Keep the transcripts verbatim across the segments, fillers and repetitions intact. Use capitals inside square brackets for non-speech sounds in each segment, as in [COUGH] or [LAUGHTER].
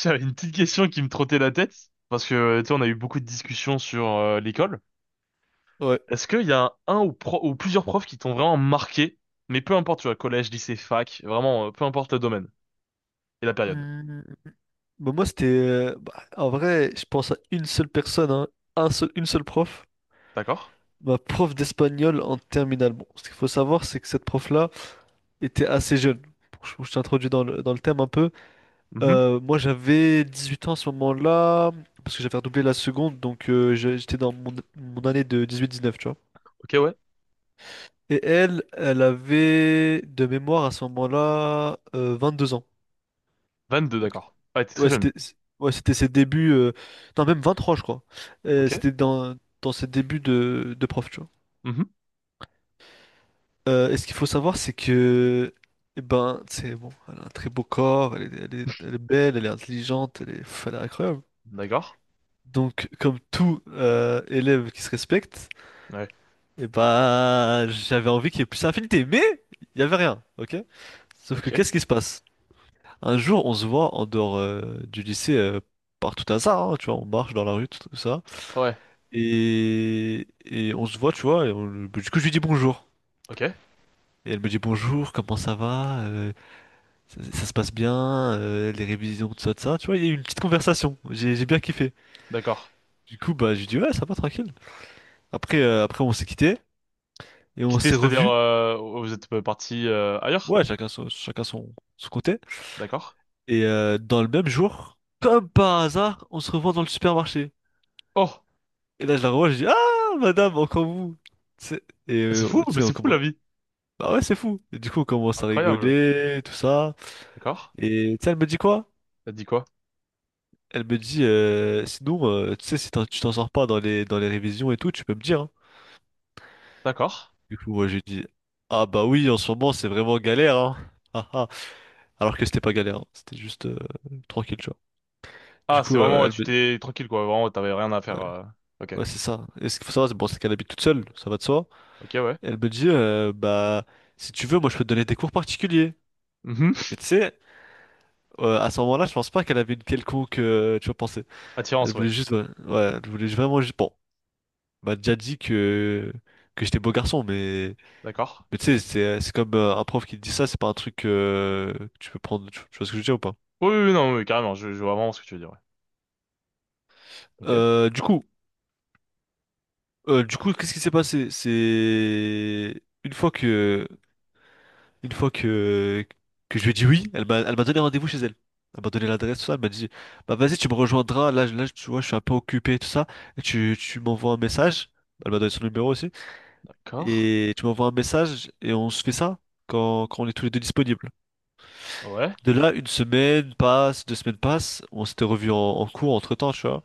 J'avais une petite question qui me trottait la tête, parce que, tu sais, on a eu beaucoup de discussions sur euh, l'école. Ouais. Est-ce qu'il y a un ou, pro- ou plusieurs profs qui t'ont vraiment marqué, mais peu importe, tu vois, collège, lycée, fac, vraiment, euh, peu importe le domaine et la période. Euh, Bah, moi, c'était. euh, bah, en vrai, je pense à une seule personne, hein, un seul, une seule prof. D'accord? Ma prof d'espagnol en terminale. Bon, ce qu'il faut savoir, c'est que cette prof-là était assez jeune. Bon, Je, je t'introduis dans le, dans le thème un peu. Mhm. Euh, moi, j'avais dix huit ans à ce moment-là, parce que j'avais redoublé la seconde, donc euh, je- j'étais dans mon, mon année de dix huit dix neuf, tu vois. Ok, ouais. Et elle, elle avait de mémoire à ce moment-là euh, deux ans. vingt-deux, d'accord. Ouais, t'es très Ouais, jeune. C'était c- ouais, c'était ses débuts. euh, Non, même vingt-trois, je crois. Euh, Ok. C'était dans, dans ses débuts de, de prof, tu vois. Mhm. Euh, et ce qu'il faut savoir, c'est que. eh ben, c'est bon, elle a un très beau corps, elle est, elle est, elle est belle, elle est intelligente, elle est, pff, elle est incroyable. D'accord. Donc, comme tout euh, élève qui se respecte, Ouais. eh ben, j'avais envie qu'il y ait plus d'affinité, mais il n'y avait rien, ok. Sauf que, Ok. qu'est-ce qui se passe? Un jour, on se voit en dehors euh, du lycée euh, par tout hasard, hein, tu vois, on marche dans la rue, tout tout ça. Ouais. Et, et on se voit, tu vois. Et on- du coup, je lui dis bonjour. Ok. Et elle me dit bonjour, comment ça va? Euh, ça, ça se passe bien? Euh, les révisions, tout ça, tout ça. Tu vois, il y a eu une petite conversation. J'ai j'ai bien kiffé. D'accord. Du coup, bah, je lui dis ouais, ça va, tranquille. Après, euh, après on s'est quitté et on Quitter, s'est c'est-à-dire, revus. euh, vous êtes parti euh, ailleurs? Ouais, chacun son, chacun son, son côté. D'accord. Et euh, dans le même jour, comme par hasard, on se revoit dans le supermarché. Oh. Et là, je la revois, je dis ah, madame, encore vous. Tu sais. Et Ah, c'est euh, fou, tu mais sais, on c'est fou commence. la vie. Bah ouais, c'est fou. Et du coup, on commence à Incroyable. rigoler, tout ça. D'accord. Et tu sais, elle me dit quoi? T'as dit quoi? Elle me dit, euh, sinon, euh, tu sais, si t'en- tu t'en sors pas dans les, dans les révisions et tout, tu peux me dire, hein. D'accord. Du coup, moi, j'ai dit ah bah oui, en ce moment, c'est vraiment galère, hein. Ah, ah. Alors que c'était pas galère, hein. C'était juste euh, tranquille, tu vois. Du Ah, c'est coup, vraiment, euh, ouais, elle tu me dit t'es tranquille, quoi. Vraiment, t'avais rien à faire. ouais, euh. Ok. ouais, c'est ça. Et ce qu'il faut savoir, c'est bon, c'est qu'elle habite toute seule, ça va de soi. Ok, ouais. Elle me dit, euh, bah, si tu veux, moi, je peux te donner des cours particuliers. Mhm. Mais tu sais, euh, à ce moment-là, je pense pas qu'elle avait une quelconque, euh, tu vois, pensée. Elle Attirance, ouais. voulait juste, ouais, ouais, elle voulait vraiment juste, bon, m'a déjà dit que, que j'étais beau garçon, mais, D'accord. mais tu sais, c'est c'est comme euh, un prof qui te dit ça, c'est pas un truc euh, que tu peux prendre. Tu, tu vois ce que je veux dire ou pas? Oui, oui, oui, non, oui, carrément, je, je vois vraiment ce que tu veux dire, ouais. Ok. Euh, du coup, euh, du coup, qu'est-ce qui s'est passé? C'est une fois que, une fois que, que je lui ai dit oui, elle m'a, elle m'a donné rendez-vous chez elle. Elle m'a donné l'adresse, tout ça. Elle m'a dit bah vas-y, tu me rejoindras. Là, je- là, tu vois, je suis un peu occupé, tout ça. Et tu, tu m'envoies un message. Elle m'a donné son numéro aussi. D'accord. Et tu m'envoies un message et on se fait ça quand, quand on est tous les deux disponibles. Ouais. De là, une semaine passe, deux semaines passent, on s'était revu en, en cours entre-temps, tu vois.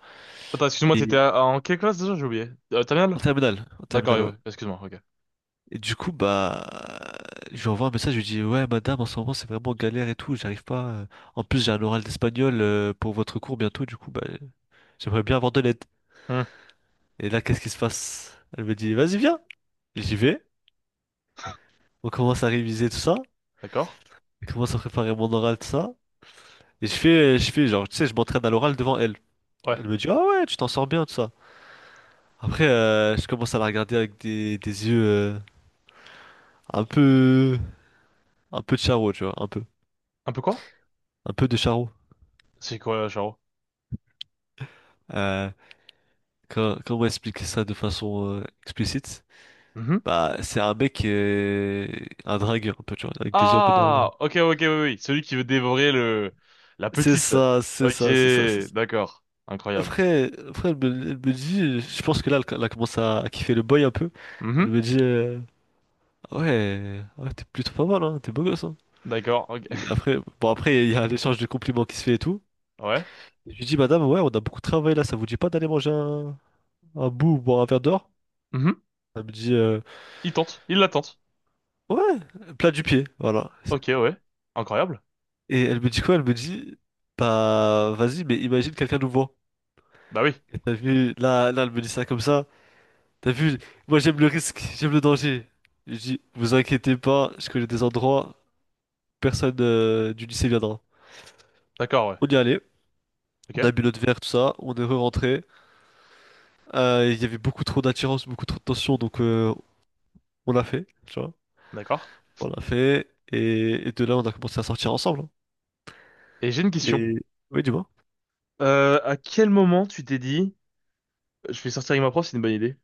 Attends, excuse-moi, t'étais Et à- en quelle classe déjà? J'ai oublié. Euh, terminale? en terminale, en D'accord, oui, terminale, ouais. oui, excuse-moi, ok. Et du coup, bah, je lui envoie un message, je lui dis ouais, madame, en ce moment, c'est vraiment galère et tout, j'arrive pas. euh. En plus, j'ai un oral d'espagnol euh, pour votre cours bientôt, du coup, bah, j'aimerais bien avoir de l'aide. Hmm. Et là, qu'est-ce qui se passe? Elle me dit vas-y, viens. J'y vais. On commence à réviser tout ça. D'accord. Je commence à préparer mon oral, tout ça. Et je fais, je fais, genre, tu sais, je m'entraîne à l'oral devant elle. Ouais. Elle me dit ah ouais, tu t'en sors bien, tout ça. Après, euh, je commence à la regarder avec des, des yeux euh, un peu, un peu de charo, tu vois, un peu, Un peu quoi? un peu de charo. C'est quoi, euh, Charo? Euh, quand- Comment expliquer ça de façon euh, explicite? Mhm. Bah, c'est un mec, euh, un dragueur un peu, tu vois, avec des yeux un peu dragueurs. Ah! Ok, ok, oui, oui. Celui qui veut dévorer le... la C'est petite. ça, c'est Ok, ça, c'est ça, c'est ça. d'accord. Incroyable. Après, après elle me, elle me dit, je pense que là, elle, elle a commencé à, à kiffer le boy un peu. Elle Mhm. me dit, euh, ouais, ouais, t'es plutôt pas mal, hein, t'es beau gosse, hein. D'accord, ok. Et [LAUGHS] Après, bon, après, il y a l'échange de compliments qui se fait et tout. Ouais. Je lui dis madame, ouais, on a beaucoup travaillé là, ça vous dit pas d'aller manger un, un bout ou boire un verre dehors? Mhm. Elle me dit, euh, Il tente, il la tente. ouais, plat du pied, voilà. Ok, ouais. Incroyable. Et elle me dit quoi? Elle me dit bah, vas-y, mais imagine quelqu'un nous voit. Bah oui. Et t'as vu, là, là, elle me dit ça comme ça. T'as vu, moi j'aime le risque, j'aime le danger. Je dis vous inquiétez pas, je connais des endroits, personne euh, du lycée viendra. D'accord, ouais. On y allait, on Ok, a bu notre verre, tout ça, on est re-rentré. Euh, Il y avait beaucoup trop d'attirance, beaucoup trop de tension, donc euh, on l'a fait, tu vois. d'accord. On l'a fait. Et, et de là, on a commencé à sortir ensemble, hein. Et j'ai une question. Et oui, dis-moi. Euh, à quel moment tu t'es dit, je vais sortir avec ma prof, c'est une bonne idée?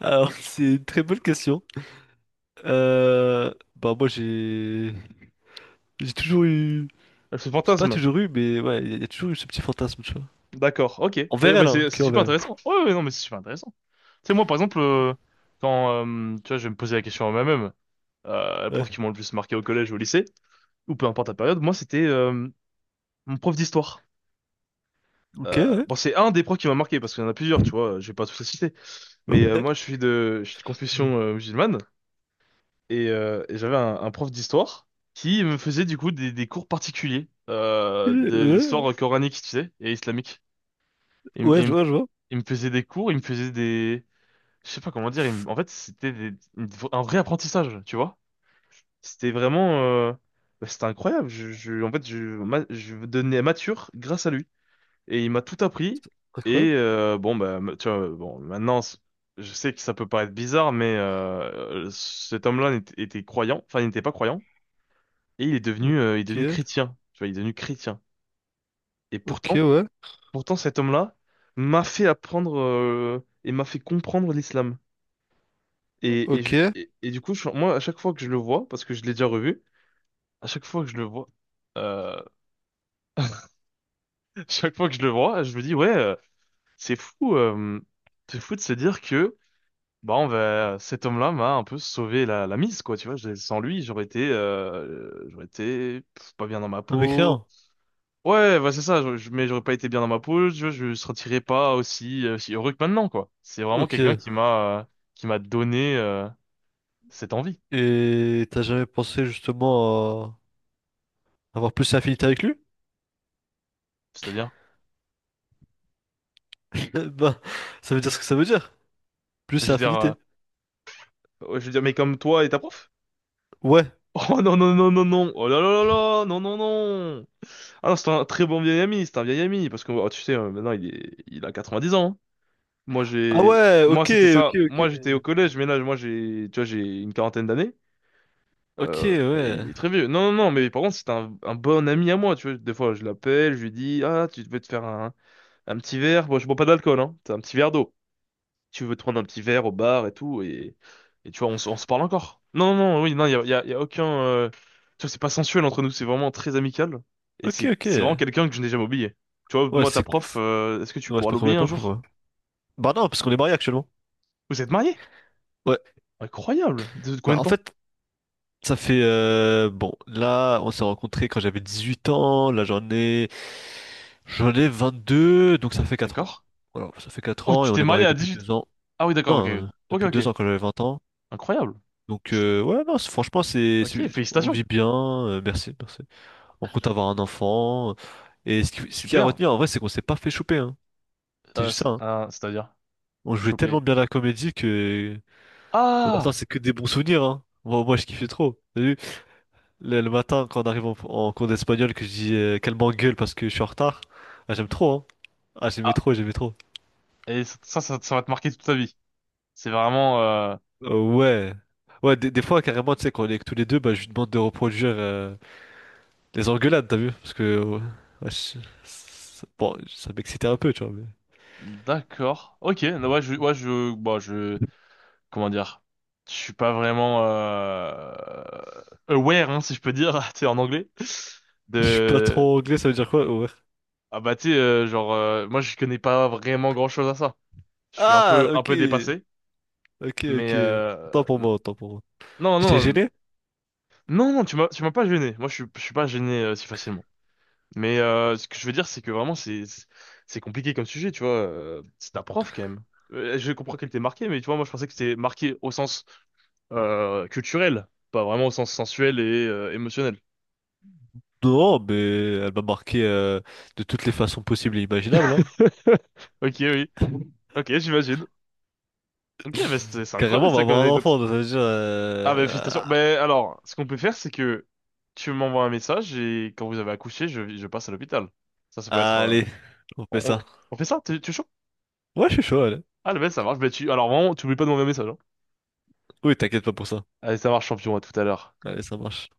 Alors, [LAUGHS] c'est une très bonne question. Euh, bah, moi, j'ai j'ai toujours eu, Elle fait j'ai pas fantasme. toujours eu, mais ouais, il y, a y a toujours eu ce petit fantasme, tu vois. D'accord, ok. Mais, Envers mais elle, hein, c'est c'est que super envers elle. intéressant. Ouais, ouais, non, mais c'est super intéressant. Tu sais, moi, par exemple, euh, quand, euh, tu vois, je vais me poser la question à moi-même, euh, les Ouais. profs qui m'ont le plus marqué au collège ou au lycée, ou peu importe la période, moi, c'était euh, mon prof d'histoire. Ok. Euh, Ouais. Bon, c'est un des profs qui m'a marqué, parce qu'il y en a plusieurs, tu vois, je vais pas tous les citer. Mais euh, Ouais. moi, je suis de, je suis de confession euh, musulmane. Et, euh, et j'avais un, un prof d'histoire qui me faisait du coup des, des cours particuliers euh, de Euh, l'histoire coranique, tu sais, et islamique. Ouais, Il, me ouais, il je me- vois, je vois. il me faisait des cours, il me faisait des... Je sais pas comment dire, il me- en fait c'était des- une- un vrai apprentissage, tu vois. C'était vraiment... euh, bah, c'était incroyable. Je, je- en fait, je, ma- Je donnais mature grâce à lui. Et il m'a tout appris. Incroyable. Et euh, bon, bah, ma- tu vois, bon, maintenant, c- je sais que ça peut paraître bizarre, mais euh, cet homme-là n'était- était croyant, enfin, il n'était pas croyant. Et il est devenu, euh, il est devenu Ok. chrétien. Tu vois, il est devenu chrétien. Et Ok, pourtant, ouais. pourtant cet homme-là m'a fait apprendre euh, et m'a fait comprendre l'islam. Et, et, je- Ok. et, et du coup, je- moi, à chaque fois que je le vois, parce que je l'ai déjà revu, à chaque fois que je le vois, euh, [LAUGHS] chaque fois que je le vois, je me dis, ouais, euh, c'est fou, euh, c'est fou de se dire que, bah, on va, cet homme-là m'a un peu sauvé la, la mise, quoi. Tu vois, Je- sans lui, j'aurais été, euh, j'aurais été pff, pas bien dans ma Un peau. mécréant. Ouais, bah c'est ça, je, je- mais j'aurais pas été bien dans ma peau, je, je sentirais pas aussi, euh, si heureux que maintenant, quoi. C'est vraiment Ok. quelqu'un qui m'a euh, qui m'a donné euh, cette envie. Et t'as jamais pensé justement à avoir plus d'affinité avec lui? C'est-à-dire, [LAUGHS] Bah, ça veut dire ce que ça veut dire. Plus je c'est veux dire, euh, infinité. ouais, je veux dire, mais comme toi et ta prof? Ouais. [LAUGHS] Oh non, non, non, non, non, oh là là là là, non, non, non. Ah non, c'est un très bon vieil ami, c'est un vieil ami, parce que oh, tu sais, euh, maintenant il est, il a quatre-vingt-dix ans, hein. Moi Ah j'ai, ouais, Moi ok, c'était ok, ça, moi ok. j'étais au collège, mais là, moi j'ai, tu vois, j'ai une quarantaine d'années. Ok, Euh, et ouais. il est très vieux. Non, non, non, mais par contre, c'est un, un bon ami à moi, tu vois. Des fois, je l'appelle, je lui dis, ah, tu veux te faire un, un petit verre? Bon, je bois pas d'alcool, hein. T'as un petit verre d'eau. Tu veux te prendre un petit verre au bar et tout, et, et tu vois, on, s- on se parle encore. Non, non, non, oui, non, il y a, y a- y a aucun. euh, Tu vois, c'est pas sensuel entre nous, c'est vraiment très amical. Et Ok, c'est ok. c'est vraiment quelqu'un que je n'ai jamais oublié. Tu vois, Ouais, moi, ta c'est... prof, c'est- euh, est-ce que tu ouais, c'est pourras pas qu'on l'oublier voyait un pas jour? pourquoi. Bah non, parce qu'on est mariés actuellement. Vous êtes mariés? Ouais. Incroyable! De de combien Bah, de en temps? fait, ça fait... euh, bon, là, on s'est rencontrés quand j'avais dix-huit ans. Là, j'en ai... j'en ai vingt-deux, donc ça fait quatre ans. D'accord? Voilà, ça fait quatre Oh, ans et tu on t'es est marié mariés à depuis dix-huit. deux ans. Ah oui, d'accord, ok. Non, euh, Ok, depuis ok, deux ok. ans quand j'avais vingt ans. Incroyable. Donc euh, ouais, non, c'est- franchement, c'est... c'est- Ok, on félicitations. vit bien. Euh, merci, merci. On compte avoir un enfant. Et ce qui, ce qui a Super. retenu en vrai, c'est qu'on s'est pas fait choper, hein. C'est Euh, juste ça- ça, hein. Ah, c'est-à-dire On jouait choper. tellement bien la comédie que bon, maintenant Ah! c'est que des bons souvenirs, hein. Moi, moi je kiffais trop. T'as vu, le, le matin quand on arrive en, en cours d'espagnol que je dis euh, qu'elle m'engueule parce que je suis en retard. Ah, j'aime trop, hein. Ah, j'aimais Ah, trop, j'aimais trop. Et ça, ça, ça- ça va te marquer toute ta vie. C'est vraiment... euh, Euh, ouais. Ouais, des, des fois, carrément, tu sais, quand on est que tous les deux, bah, je lui demande de reproduire euh, les engueulades, t'as vu? Parce que, ouais, ouais, je- ça- bon, ça m'excitait un peu, tu vois, mais D'accord. Ok, non, ouais, je, ouais, je, bon, je, comment dire, je suis pas vraiment euh, aware, hein, si je peux dire, [LAUGHS] tu sais, en anglais, [LAUGHS] je suis pas de, trop anglais, ça veut dire quoi? Ouais. ah bah tu sais, euh, genre, euh, moi je connais pas vraiment grand-chose à ça. Je suis un Ah, peu, un ok. peu dépassé, Ok, mais ok. euh, Autant pour moi, autant pour moi. non, J'étais non, non, gêné? non, non, tu m'as, tu m'as pas gêné. Moi, je suis, je suis pas gêné euh, si facilement. Mais euh, ce que je veux dire, c'est que vraiment, c'est c'est compliqué comme sujet, tu vois. euh, C'est un prof, quand même. Euh, Je comprends qu'elle t'ait marqué, mais tu vois, moi, je pensais que c'était marqué au sens euh, culturel, pas vraiment au sens sensuel et euh, émotionnel. Non, mais elle m'a marqué euh, de toutes les façons possibles et imaginables, hein. [LAUGHS] Ok, oui. Ok, j'imagine. Ok, bah, c'est c'est Carrément, incroyable, on va ça, comme avoir un anecdote. enfant, donc ça veut dire... Ah, bah, euh, félicitations. Bah, alors, ce qu'on peut faire, c'est que tu m'envoies un message et quand vous avez accouché, je, je passe à l'hôpital. Ça, ça peut être... ah, euh, allez, on fait on, on, ça. on fait ça? T'es- Tu es chaud? Ouais, je suis chaud, allez. Ah, le mec, ça marche. Ben tu, alors, vraiment, tu oublies pas de m'envoyer un message, hein. Oui, t'inquiète pas pour ça. Allez, ça marche, champion, à tout à l'heure. Allez, ça marche.